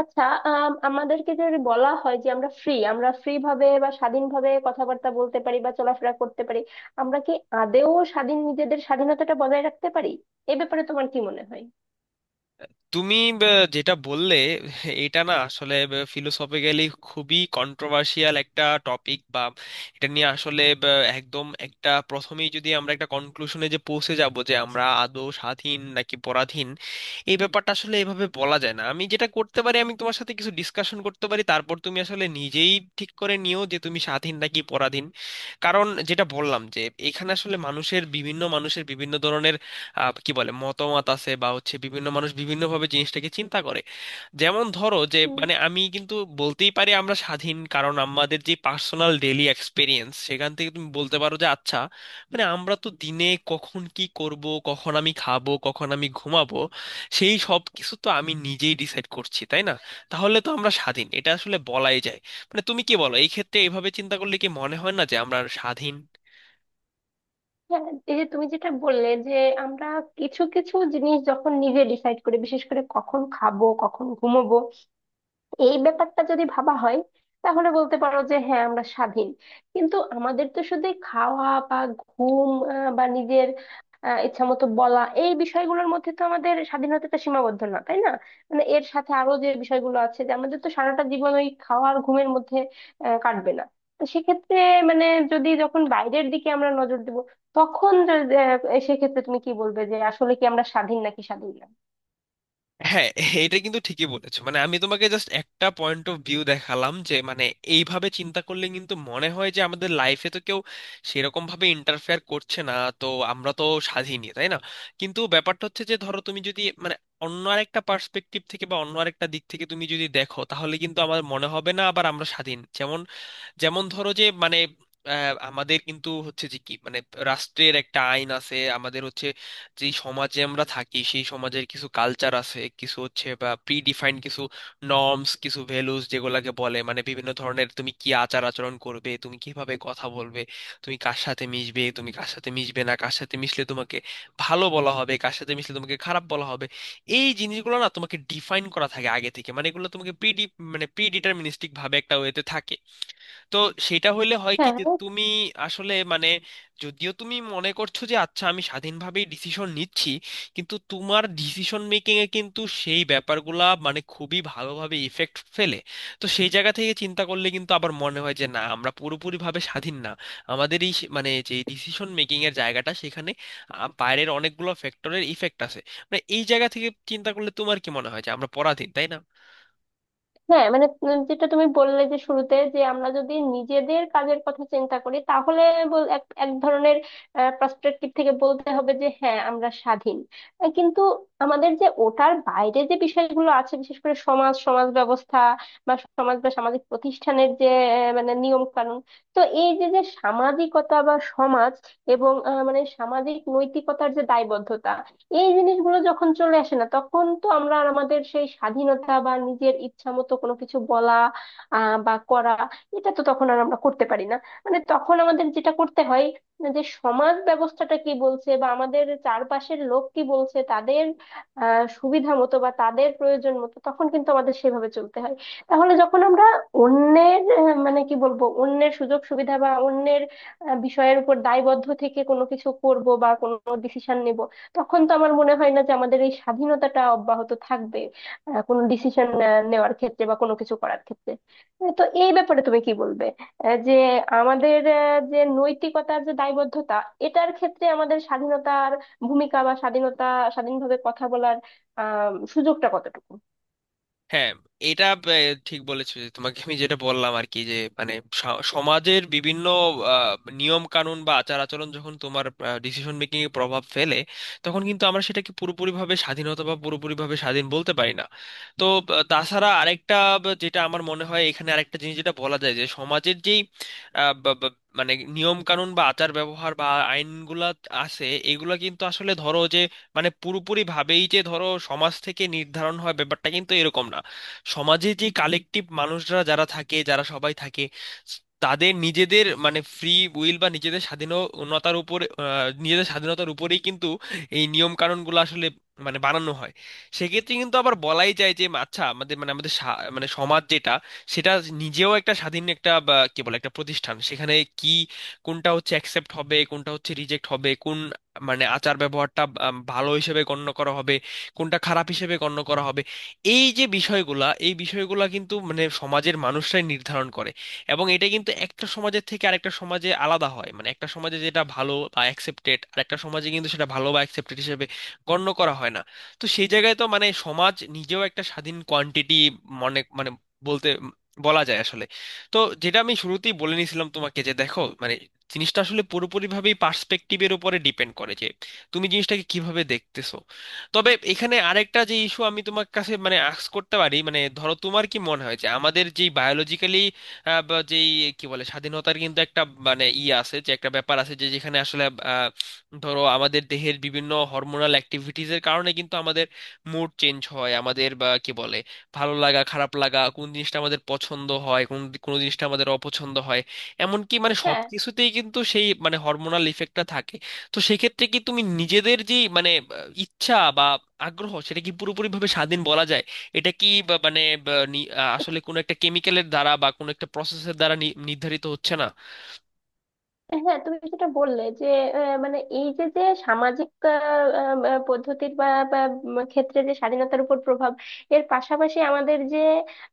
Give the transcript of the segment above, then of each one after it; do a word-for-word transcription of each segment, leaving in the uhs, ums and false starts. আচ্ছা আম, আমাদেরকে যদি বলা হয় যে আমরা ফ্রি আমরা ফ্রি ভাবে বা স্বাধীনভাবে কথাবার্তা বলতে পারি বা চলাফেরা করতে পারি, আমরা কি আদেও স্বাধীন, নিজেদের স্বাধীনতাটা বজায় রাখতে পারি? এ ব্যাপারে তোমার কি মনে হয়? তুমি ব, যেটা বললে, এটা না আসলে ফিলোসফিক্যালি খুবই কন্ট্রোভার্সিয়াল একটা টপিক। বা এটা নিয়ে আসলে ব, একদম একটা, প্রথমেই যদি আমরা একটা কনক্লুশনে যে পৌঁছে যাব যে আমরা আদৌ স্বাধীন নাকি পরাধীন, এই ব্যাপারটা আসলে এভাবে বলা যায় না। আমি যেটা করতে পারি, আমি তোমার সাথে কিছু ডিসকাশন করতে পারি, তারপর তুমি আসলে নিজেই ঠিক করে নিও যে তুমি স্বাধীন নাকি পরাধীন। কারণ যেটা বললাম, যে এখানে আসলে মানুষের বিভিন্ন মানুষের বিভিন্ন ধরনের আহ, কি বলে মতামত আছে বা হচ্ছে, বিভিন্ন মানুষ বিভিন্নভাবে জিনিসটাকে চিন্তা করে। যেমন ধরো যে হুম। মানে আমি কিন্তু বলতেই পারি আমরা স্বাধীন, কারণ আমাদের যে পার্সোনাল ডেইলি এক্সপিরিয়েন্স, সেখান থেকে তুমি বলতে পারো যে আচ্ছা মানে আমরা তো দিনে কখন কি করব, কখন আমি খাবো, কখন আমি ঘুমাবো, সেই সব কিছু তো আমি নিজেই ডিসাইড করছি, তাই না? তাহলে তো আমরা স্বাধীন, এটা আসলে বলাই যায়। মানে তুমি কি বলো, এই ক্ষেত্রে এইভাবে চিন্তা করলে কি মনে হয় না যে আমরা স্বাধীন? হ্যাঁ, এই যে তুমি যেটা বললে যে আমরা কিছু কিছু জিনিস যখন নিজে ডিসাইড করি, বিশেষ করে কখন খাবো কখন ঘুমোবো, এই ব্যাপারটা যদি ভাবা হয়, তাহলে বলতে পারো যে হ্যাঁ আমরা স্বাধীন। কিন্তু আমাদের তো শুধু এই খাওয়া বা ঘুম আহ, বা নিজের আহ, ইচ্ছা মতো বলা, এই বিষয়গুলোর মধ্যে তো আমাদের স্বাধীনতাটা সীমাবদ্ধ না, তাই না? মানে এর সাথে আরো যে বিষয়গুলো আছে যে আমাদের তো সারাটা জীবন ওই খাওয়া আর ঘুমের মধ্যে আহ, কাটবে না। তো সেক্ষেত্রে মানে যদি যখন বাইরের দিকে আমরা নজর দিব, তখন যদি, আহ, সেক্ষেত্রে তুমি কি বলবে যে আসলে কি আমরা স্বাধীন নাকি স্বাধীন না? হ্যাঁ, এটা কিন্তু ঠিকই বলেছো, মানে আমি তোমাকে জাস্ট একটা পয়েন্ট অফ ভিউ দেখালাম, যে মানে এইভাবে চিন্তা করলে কিন্তু মনে হয় যে আমাদের লাইফে তো কেউ সেরকম ভাবে ইন্টারফেয়ার করছে না, তো আমরা তো স্বাধীনই, তাই না? কিন্তু ব্যাপারটা হচ্ছে যে ধরো তুমি যদি মানে অন্য আরেকটা পার্সপেক্টিভ থেকে বা অন্য আরেকটা দিক থেকে তুমি যদি দেখো, তাহলে কিন্তু আমার মনে হবে না, আবার আমরা স্বাধীন। যেমন যেমন ধরো যে মানে আহ, আমাদের কিন্তু হচ্ছে যে কি, মানে রাষ্ট্রের একটা আইন আছে, আমাদের হচ্ছে যে সমাজে আমরা থাকি, সেই সমাজের কিছু কালচার আছে, কিছু হচ্ছে বা প্রি ডিফাইন্ড কিছু নর্মস, কিছু ভ্যালুস, যেগুলোকে বলে মানে বিভিন্ন ধরনের তুমি কি আচার আচরণ করবে, তুমি কিভাবে কথা বলবে, তুমি কার সাথে মিশবে, তুমি কার সাথে মিশবে না, কার সাথে মিশলে তোমাকে ভালো বলা হবে, কার সাথে মিশলে তোমাকে খারাপ বলা হবে, এই জিনিসগুলো না তোমাকে ডিফাইন করা থাকে আগে থেকে। মানে এগুলো তোমাকে প্রি, মানে প্রি ডিটারমিনিস্টিক ভাবে একটা ওয়েতে থাকে। তো সেটা হইলে হয় কি হ্যাঁ। যে তুমি আসলে মানে, যদিও তুমি মনে করছো যে আচ্ছা আমি স্বাধীনভাবেই ডিসিশন নিচ্ছি, কিন্তু তোমার ডিসিশন মেকিং এ কিন্তু সেই ব্যাপারগুলা মানে খুবই ভালোভাবে ইফেক্ট ফেলে। তো সেই জায়গা থেকে চিন্তা করলে কিন্তু আবার মনে হয় যে না, আমরা পুরোপুরিভাবে স্বাধীন না। আমাদের এই সে- মানে যে ডিসিশন মেকিং এর জায়গাটা, সেখানে আহ, বাইরের অনেকগুলো ফ্যাক্টরের ইফেক্ট আছে। মানে এই জায়গা থেকে চিন্তা করলে তোমার কি মনে হয় যে আমরা পরাধীন, তাই না? হ্যাঁ মানে উম যেটা তুমি বললে যে শুরুতে যে আমরা যদি নিজেদের কাজের কথা চিন্তা করি, তাহলে বল- এক এক ধরনের পার্সপেক্টিভ থেকে বলতে হবে যে হ্যাঁ আমরা স্বাধীন। আহ, কিন্তু আমাদের যে ওটার বাইরে যে বিষয়গুলো আছে, বিশেষ করে সমাজ, সমাজ ব্যবস্থা বা সমাজ বা সামাজিক প্রতিষ্ঠানের যে আহ, মানে নিয়ম কানুন, তো এই যে যে সামাজিকতা বা সমাজ, এবং আহ, মানে সামাজিক নৈতিকতার যে দায়বদ্ধতা, এই জিনিসগুলো যখন চলে আসে না, তখন তো আমরা আর আমাদের সেই স্বাধীনতা বা নিজের ইচ্ছা মতো কোনো কিছু বলা আহ বা করা, এটা তো তখন আর আমরা করতে পারি না। মানে তখন আমাদের যেটা করতে হয়, যে সমাজ ব্যবস্থাটা কি বলছে বা আমাদের চারপাশের লোক কি বলছে, তাদের আহ সুবিধা মতো বা তাদের প্রয়োজন মতো, তখন কিন্তু আমাদের সেভাবে চলতে হয়। তাহলে যখন আমরা অন্যের আহ, মানে কি বলবো, অন্যের সুযোগ সুবিধা বা অন্যের আহ, বিষয়ের উপর দায়বদ্ধ থেকে কোনো কিছু করব বা কোনো ডিসিশন নেব, তখন তো আমার মনে হয় না যে আমাদের এই স্বাধীনতাটা অব্যাহত থাকবে আহ, কোনো ডিসিশন নেওয়ার ক্ষেত্রে বা কোনো কিছু করার ক্ষেত্রে। আহ, তো এই ব্যাপারে তুমি কি বলবে, আহ, যে আমাদের আহ, যে নৈতিকতার যে দায়বদ্ধতা, এটার ক্ষেত্রে আমাদের স্বাধীনতার ভূমিকা বা স্বাধীনতা, স্বাধীনভাবে কথা বলার আহ সুযোগটা কতটুকু? হ্যাঁ, এটা আহ, ঠিক বলেছো, যে তোমাকে আমি যেটা বললাম আর কি, যে মানে স- সমাজের বিভিন্ন আহ, নিয়ম কানুন বা আচার আচরণ যখন তোমার ডিসিশন মেকিং এ প্রভাব ফেলে, তখন কিন্তু আমরা সেটাকে পুরোপুরিভাবে স্বাধীনতা বা পুরোপুরিভাবে স্বাধীন বলতে পারি না। তো আহ, তাছাড়া আরেকটা, বা যেটা আমার মনে হয় এখানে আরেকটা জিনিস যেটা বলা যায়, যে সমাজের যেই আহ, বা- বা- মানে নিয়ম কানুন বা আচার ব্যবহার বা আইনগুলা আছে, এগুলা কিন্তু আসলে ধরো যে মানে পুরোপুরি ভাবেই যে ধরো সমাজ থেকে নির্ধারণ হয়, ব্যাপারটা কিন্তু এরকম না। সমাজে যে কালেকটিভ মানুষরা যারা থাকে, যারা সবাই থাকে, তাদের নিজেদের মানে ফ্রি উইল বা নিজেদের স্বাধীনতার উপরে আহ, নিজেদের স্বাধীনতার উপরেই কিন্তু এই নিয়ম কানুনগুলো আসলে মানে বানানো হয়। সেক্ষেত্রে কিন্তু আবার বলাই যায় যে আচ্ছা, আমাদের মানে আমাদের সা- মানে সমাজ যেটা, সেটা নিজেও একটা স্বাধীন, একটা বা কি বলে একটা প্রতিষ্ঠান, সেখানে কি কোনটা হচ্ছে অ্যাকসেপ্ট হবে, কোনটা হচ্ছে রিজেক্ট হবে, কোন মানে আচার ব্যবহারটা আম, ভালো হিসেবে গণ্য করা হবে, কোনটা খারাপ হিসেবে গণ্য করা হবে, এই যে বিষয়গুলা এই বিষয়গুলা কিন্তু মানে সমাজের মানুষরাই নির্ধারণ করে। এবং এটা কিন্তু একটা সমাজের থেকে আরেকটা সমাজে আলাদা হয়, মানে একটা সমাজে যেটা ভালো বা অ্যাকসেপ্টেড, আরেকটা সমাজে কিন্তু সেটা ভালো বা অ্যাকসেপ্টেড হিসেবে গণ্য করা হয় না। তো সেই জায়গায় তো মানে সমাজ নিজেও একটা স্বাধীন কোয়ান্টিটি, মনে মানে বলতে বলা যায় আসলে। তো যেটা আমি শুরুতেই বলে নিয়েছিলাম তোমাকে, যে দেখো মানে জিনিসটা আসলে পুরোপুরিভাবেই পার্সপেক্টিভের উপরে ডিপেন্ড করে, যে তুমি জিনিসটাকে কিভাবে দেখতেছো। তবে এখানে আরেকটা যে ইস্যু আমি তোমার কাছে মানে আস্ক করতে পারি, মানে ধরো তোমার কি মনে হয় যে আমাদের যে বায়োলজিক্যালি যেই কি বলে স্বাধীনতার কিন্তু একটা মানে ই আছে, যে একটা ব্যাপার আছে যে যেখানে আসলে আহ, ধরো আমাদের দেহের বিভিন্ন হরমোনাল অ্যাক্টিভিটিজের কারণে কিন্তু আমাদের মুড চেঞ্জ হয়, আমাদের বা কি বলে ভালো লাগা খারাপ লাগা, কোন জিনিসটা আমাদের পছন্দ হয়, কোন কোন জিনিসটা আমাদের অপছন্দ হয়। এমনকি মানে সব হ্যাঁ। কিছুতেই কিন্তু সেই মানে হরমোনাল ইফেক্টটা থাকে। তো সেক্ষেত্রে কি তুমি নিজেদের যে মানে ইচ্ছা বা আগ্রহ, সেটা কি পুরোপুরিভাবে স্বাধীন বলা যায়? এটা কি বা- মানে বা নি- আহ, আসলে কোনো একটা কেমিক্যালের দ্বারা বা কোনো একটা প্রসেসের দ্বারা নি- নির্ধারিত হচ্ছে না? হ্যাঁ তুমি যেটা বললে যে আহ, মানে এই যে যে সামাজিক আহ, আম, আহ, পদ্ধতির বা বা, উম, ক্ষেত্রে যে স্বাধীনতার উপর প্রভাব, এর পাশাপাশি আমাদের যে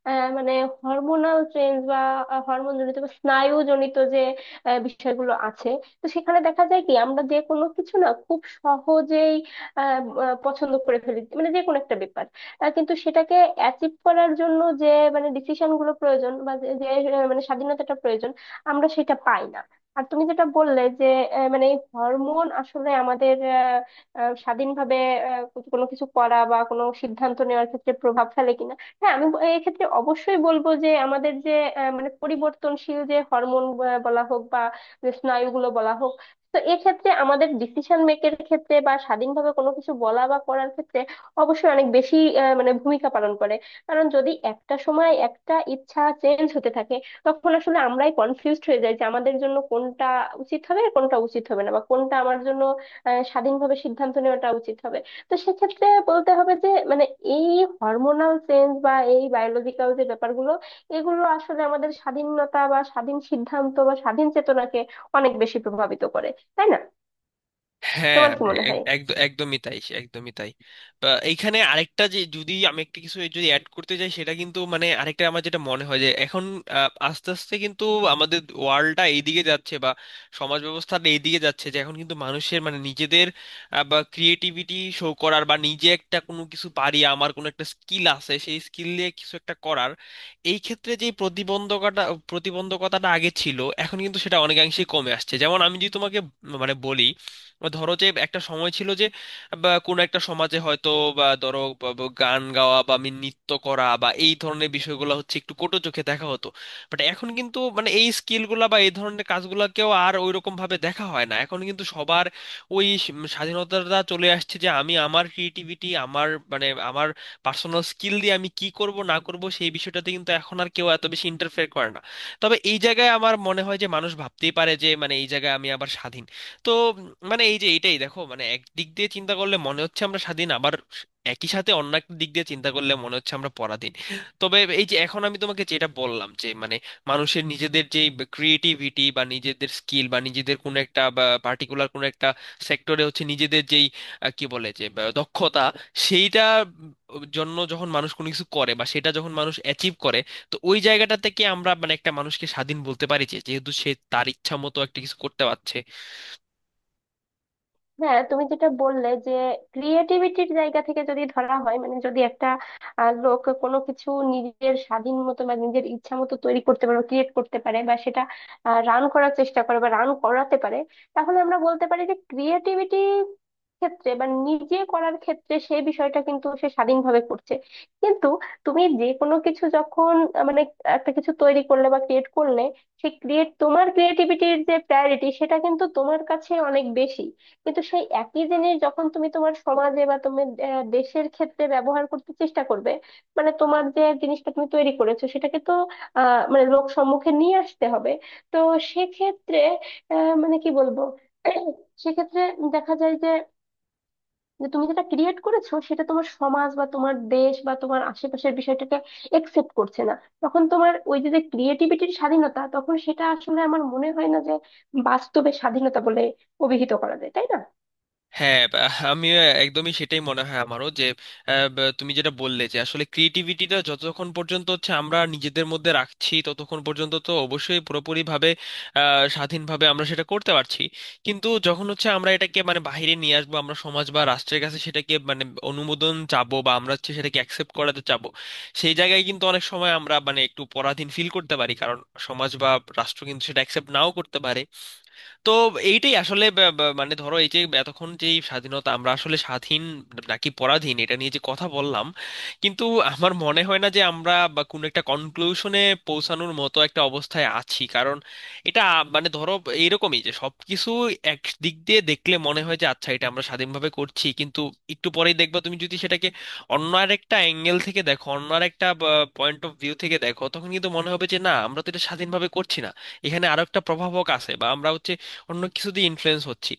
আহ, মানে হরমোনাল চেঞ্জ বা হরমোন জনিত বা স্নায়ু জনিত যে আহ, বিষয়গুলো আছে, তো সেখানে দেখা যায় কি আমরা যে কোনো কিছু না খুব সহজেই আহ, আহ, পছন্দ করে ফেলি, মানে যে কোনো একটা ব্যাপার, আহ, কিন্তু সেটাকে অ্যাচিভ করার জন্য যে মানে ডিসিশন গুলো প্রয়োজন বা যে যে, আহ, মানে স্বাধীনতাটা প্রয়োজন, আমরা সেটা পাই না। আর তুমি যেটা বললে যে আহ, মানে এই হরমোন আসলে আমাদের আহ, আহ, স্বাধীনভাবে আহ, কোনো কিছু করা বা কোনো সিদ্ধান্ত নেওয়ার ক্ষেত্রে প্রভাব ফেলে কিনা, হ্যাঁ আমি ব- এই ক্ষেত্রে অবশ্যই বলবো যে আমাদের যে আহ, মানে পরিবর্তনশীল যে হরমোন বলা হোক বা যে স্নায়ুগুলো বলা হোক, তো এক্ষেত্রে আমাদের ডিসিশন মেকের ক্ষেত্রে বা স্বাধীনভাবে কোনো কিছু বলা বা করার ক্ষেত্রে অবশ্যই অনেক বেশি আহ, মানে ভূমিকা পালন করে। কারণ যদি একটা সময় একটা ইচ্ছা চেঞ্জ হতে থাকে, তখন আসলে আমরাই কনফিউজড হয়ে যাই যে আমাদের জন্য কোনটা উচিত হবে আর কোনটা উচিত হবে না, বা কোনটা আমার জন্য আহ, স্বাধীনভাবে সিদ্ধান্ত নেওয়াটা উচিত হবে। তো সেক্ষেত্রে বলতে হবে যে মানে এই হরমোনাল চেঞ্জ বা এই বায়োলজিক্যাল যে ব্যাপারগুলো, এগুলো আসলে আমাদের স্বাধীনতা বা স্বাধীন সিদ্ধান্ত বা স্বাধীন চেতনাকে অনেক বেশি প্রভাবিত করে, তাই না? হ্যাঁ, তোমার কি মনে এক- হয়? একদ- একদমই তাই, একদমই তাই। বা এইখানে আরেকটা যে, যদি আমি একটা কিছু যদি অ্যাড করতে চাই, সেটা কিন্তু মানে আরেকটা আমার যেটা মনে হয় যে এখন আহ, আস্তে আস্তে কিন্তু আমাদের ওয়ার্ল্ডটা এইদিকে যাচ্ছে, বা সমাজ ব্যবস্থাটা এইদিকে যাচ্ছে, যে এখন কিন্তু মানুষের মানে নিজেদের আহ, বা ক্রিয়েটিভিটি শো করার, বা নিজে একটা কোনো কিছু পারি, আমার কোনো একটা স্কিল আছে, সেই স্কিল দিয়ে কিছু একটা করার এই ক্ষেত্রে যে প্রতিবন্ধকতা, প্রতিবন্ধকতাটা আগে ছিল, এখন কিন্তু সেটা অনেকাংশেই কমে আসছে। যেমন আমি যদি তোমাকে মানে বলি, বা ধরো যে একটা সময় ছিল যে, বা কোনো একটা সমাজে হয়তো, বা ধরো বা- বা গান গাওয়া বা আমি নৃত্য করা বা এই ধরনের বিষয়গুলো হচ্ছে একটু কটু চোখে দেখা হতো। বাট এখন কিন্তু মানে এই স্কিলগুলা বা এই ধরনের কাজগুলোকেও আর ওইরকম ভাবে দেখা হয় না, এখন কিন্তু সবার ওই স- স্বাধীনতাটা চলে আসছে যে আমি আমার ক্রিয়েটিভিটি, আমার মানে আমার পার্সোনাল স্কিল দিয়ে আমি কি করব না করব, সেই বিষয়টাতে কিন্তু এখন আর কেউ এত বেশি ইন্টারফেয়ার করে না। তবে এই জায়গায় আমার মনে হয় যে মানুষ ভাবতেই পারে যে মানে এই জায়গায় আমি আবার স্বাধীন। তো উম, মানে এই যে এইটাই দেখো, মানে একদিক দিয়ে চিন্তা করলে মনে হচ্ছে আমরা স্বাধীন, আবার একই সাথে অন্য একটা দিক দিয়ে চিন্তা করলে মনে হচ্ছে আমরা পরাধীন। তবে এই যে এখন আমি তোমাকে যেটা বললাম যে মানে মানুষের নিজেদের যে ক্রিয়েটিভিটি বা নিজেদের স্কিল বা নিজেদের কোনো একটা বা পার্টিকুলার কোনো একটা সেক্টরে হচ্ছে নিজেদের যেই আহ, কি বলে যে বা দক্ষতা, সেইটা উম, জন্য যখন মানুষ কোনো কিছু করে বা সেটা যখন মানুষ অ্যাচিভ করে, তো ওই জায়গাটা থেকে আমরা মানে একটা মানুষকে স্বাধীন বলতে পারি যে যেহেতু সে তার ইচ্ছা মতো একটা কিছু করতে পারছে। হ্যাঁ তুমি যেটা বললে যে ক্রিয়েটিভিটির জায়গা থেকে যদি ধরা হয়, মানে যদি একটা আহ, লোক কোনো কিছু নিজের স্বাধীন মতো বা নিজের ইচ্ছা মতো তৈরি করতে পারে, ক্রিয়েট করতে পারে, বা সেটা রান করার চেষ্টা করে বা রান করাতে পারে, তাহলে আমরা বলতে পারি যে ক্রিয়েটিভিটি ক্ষেত্রে বা নিজে করার ক্ষেত্রে সেই বিষয়টা কিন্তু সে স্বাধীনভাবে করছে। কিন্তু তুমি যে কোনো কিছু যখন আহ, মানে একটা কিছু তৈরি করলে বা ক্রিয়েট করলে, সেই ক্রিয়েট তোমার ক্রিয়েটিভিটির যে প্রায়োরিটি সেটা কিন্তু তোমার কাছে অনেক বেশি। কিন্তু সেই একই জিনিস যখন তুমি তোমার সমাজে বা তুমি আহ, দেশের ক্ষেত্রে ব্যবহার করতে চেষ্টা করবে, মানে তোমার যে জিনিসটা তুমি তৈরি করেছো সেটাকে তো আহ মানে লোক সম্মুখে নিয়ে আসতে হবে। তো সেক্ষেত্রে আহ মানে কি বলবো সেক্ষেত্রে দেখা যায় যে যে তুমি যেটা ক্রিয়েট করেছো সেটা তোমার সমাজ বা তোমার দেশ বা তোমার আশেপাশের বিষয়টাকে একসেপ্ট করছে না, তখন তোমার ওই যে যে ক্রিয়েটিভিটির স্বাধীনতা, তখন সেটা আসলে আমার মনে হয় না যে বাস্তবে স্বাধীনতা বলে অভিহিত করা যায়, তাই না? হ্যাঁ, বা- আমি একদমই সেটাই মনে হয় আমারও যে আহ, বা- তুমি যেটা বললে, যে আসলে ক্রিয়েটিভিটিটা যতক্ষণ পর্যন্ত হচ্ছে আমরা নিজেদের মধ্যে রাখছি, ততক্ষণ পর্যন্ত তো অবশ্যই পুরোপুরিভাবে আহ, স্বাধীনভাবে আমরা সেটা করতে পারছি। কিন্তু যখন হচ্ছে আমরা এটাকে মানে বাইরে নিয়ে আসবো, আমরা সমাজ বা রাষ্ট্রের কাছে সেটাকে মানে অনুমোদন চাবো, বা আমরা হচ্ছে সেটাকে অ্যাকসেপ্ট করাতে চাবো, সেই জায়গায় কিন্তু অনেক সময় আমরা মানে একটু পরাধীন ফিল করতে পারি, কারণ সমাজ বা রাষ্ট্র কিন্তু সেটা অ্যাকসেপ্ট নাও করতে পারে। তো এইটাই আসলে ব- ব- মানে ধরো, এই যে এতক্ষণ যে এই স্বাধীনতা, আমরা আসলে স্বাধীন নাকি পরাধীন, এটা নিয়ে যে কথা বললাম, কিন্তু আমার মনে হয় না যে আমরা বা কোনো একটা কনক্লুশনে পৌঁছানোর মতো একটা অবস্থায় আছি, কারণ এটা মানে ধরো এইরকমই যে সবকিছু এক দিক দিয়ে দেখলে মনে হয় যে আচ্ছা এটা আমরা স্বাধীনভাবে করছি, কিন্তু একটু পরেই দেখবা তুমি যদি সেটাকে অন্য আর একটা অ্যাঙ্গেল থেকে দেখো, অন্য আর একটা পয়েন্ট অফ ভিউ থেকে দেখো, তখন কিন্তু মনে হবে যে না, আমরা তো এটা স্বাধীনভাবে করছি না, এখানে আরো একটা প্রভাবক আছে, বা আমরা হচ্ছে অন্য কিছু দিয়ে ইনফ্লুয়েন্স হচ্ছি।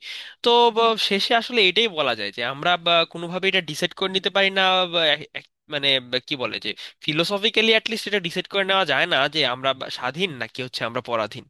তো বা, শেষে আসলে এটাই বলা যায় যে আমরা বা, কোনোভাবে এটা ডিসাইড করে নিতে পারি না, বা, এক- এক- মানে বা, কি বলে যে ফিলোসফিক্যালি অ্যাটলিস্ট এটা ডিসাইড করে নেওয়া যায় না, যে আমরা বা, স্বাধীন নাকি হচ্ছে আমরা পরাধীন।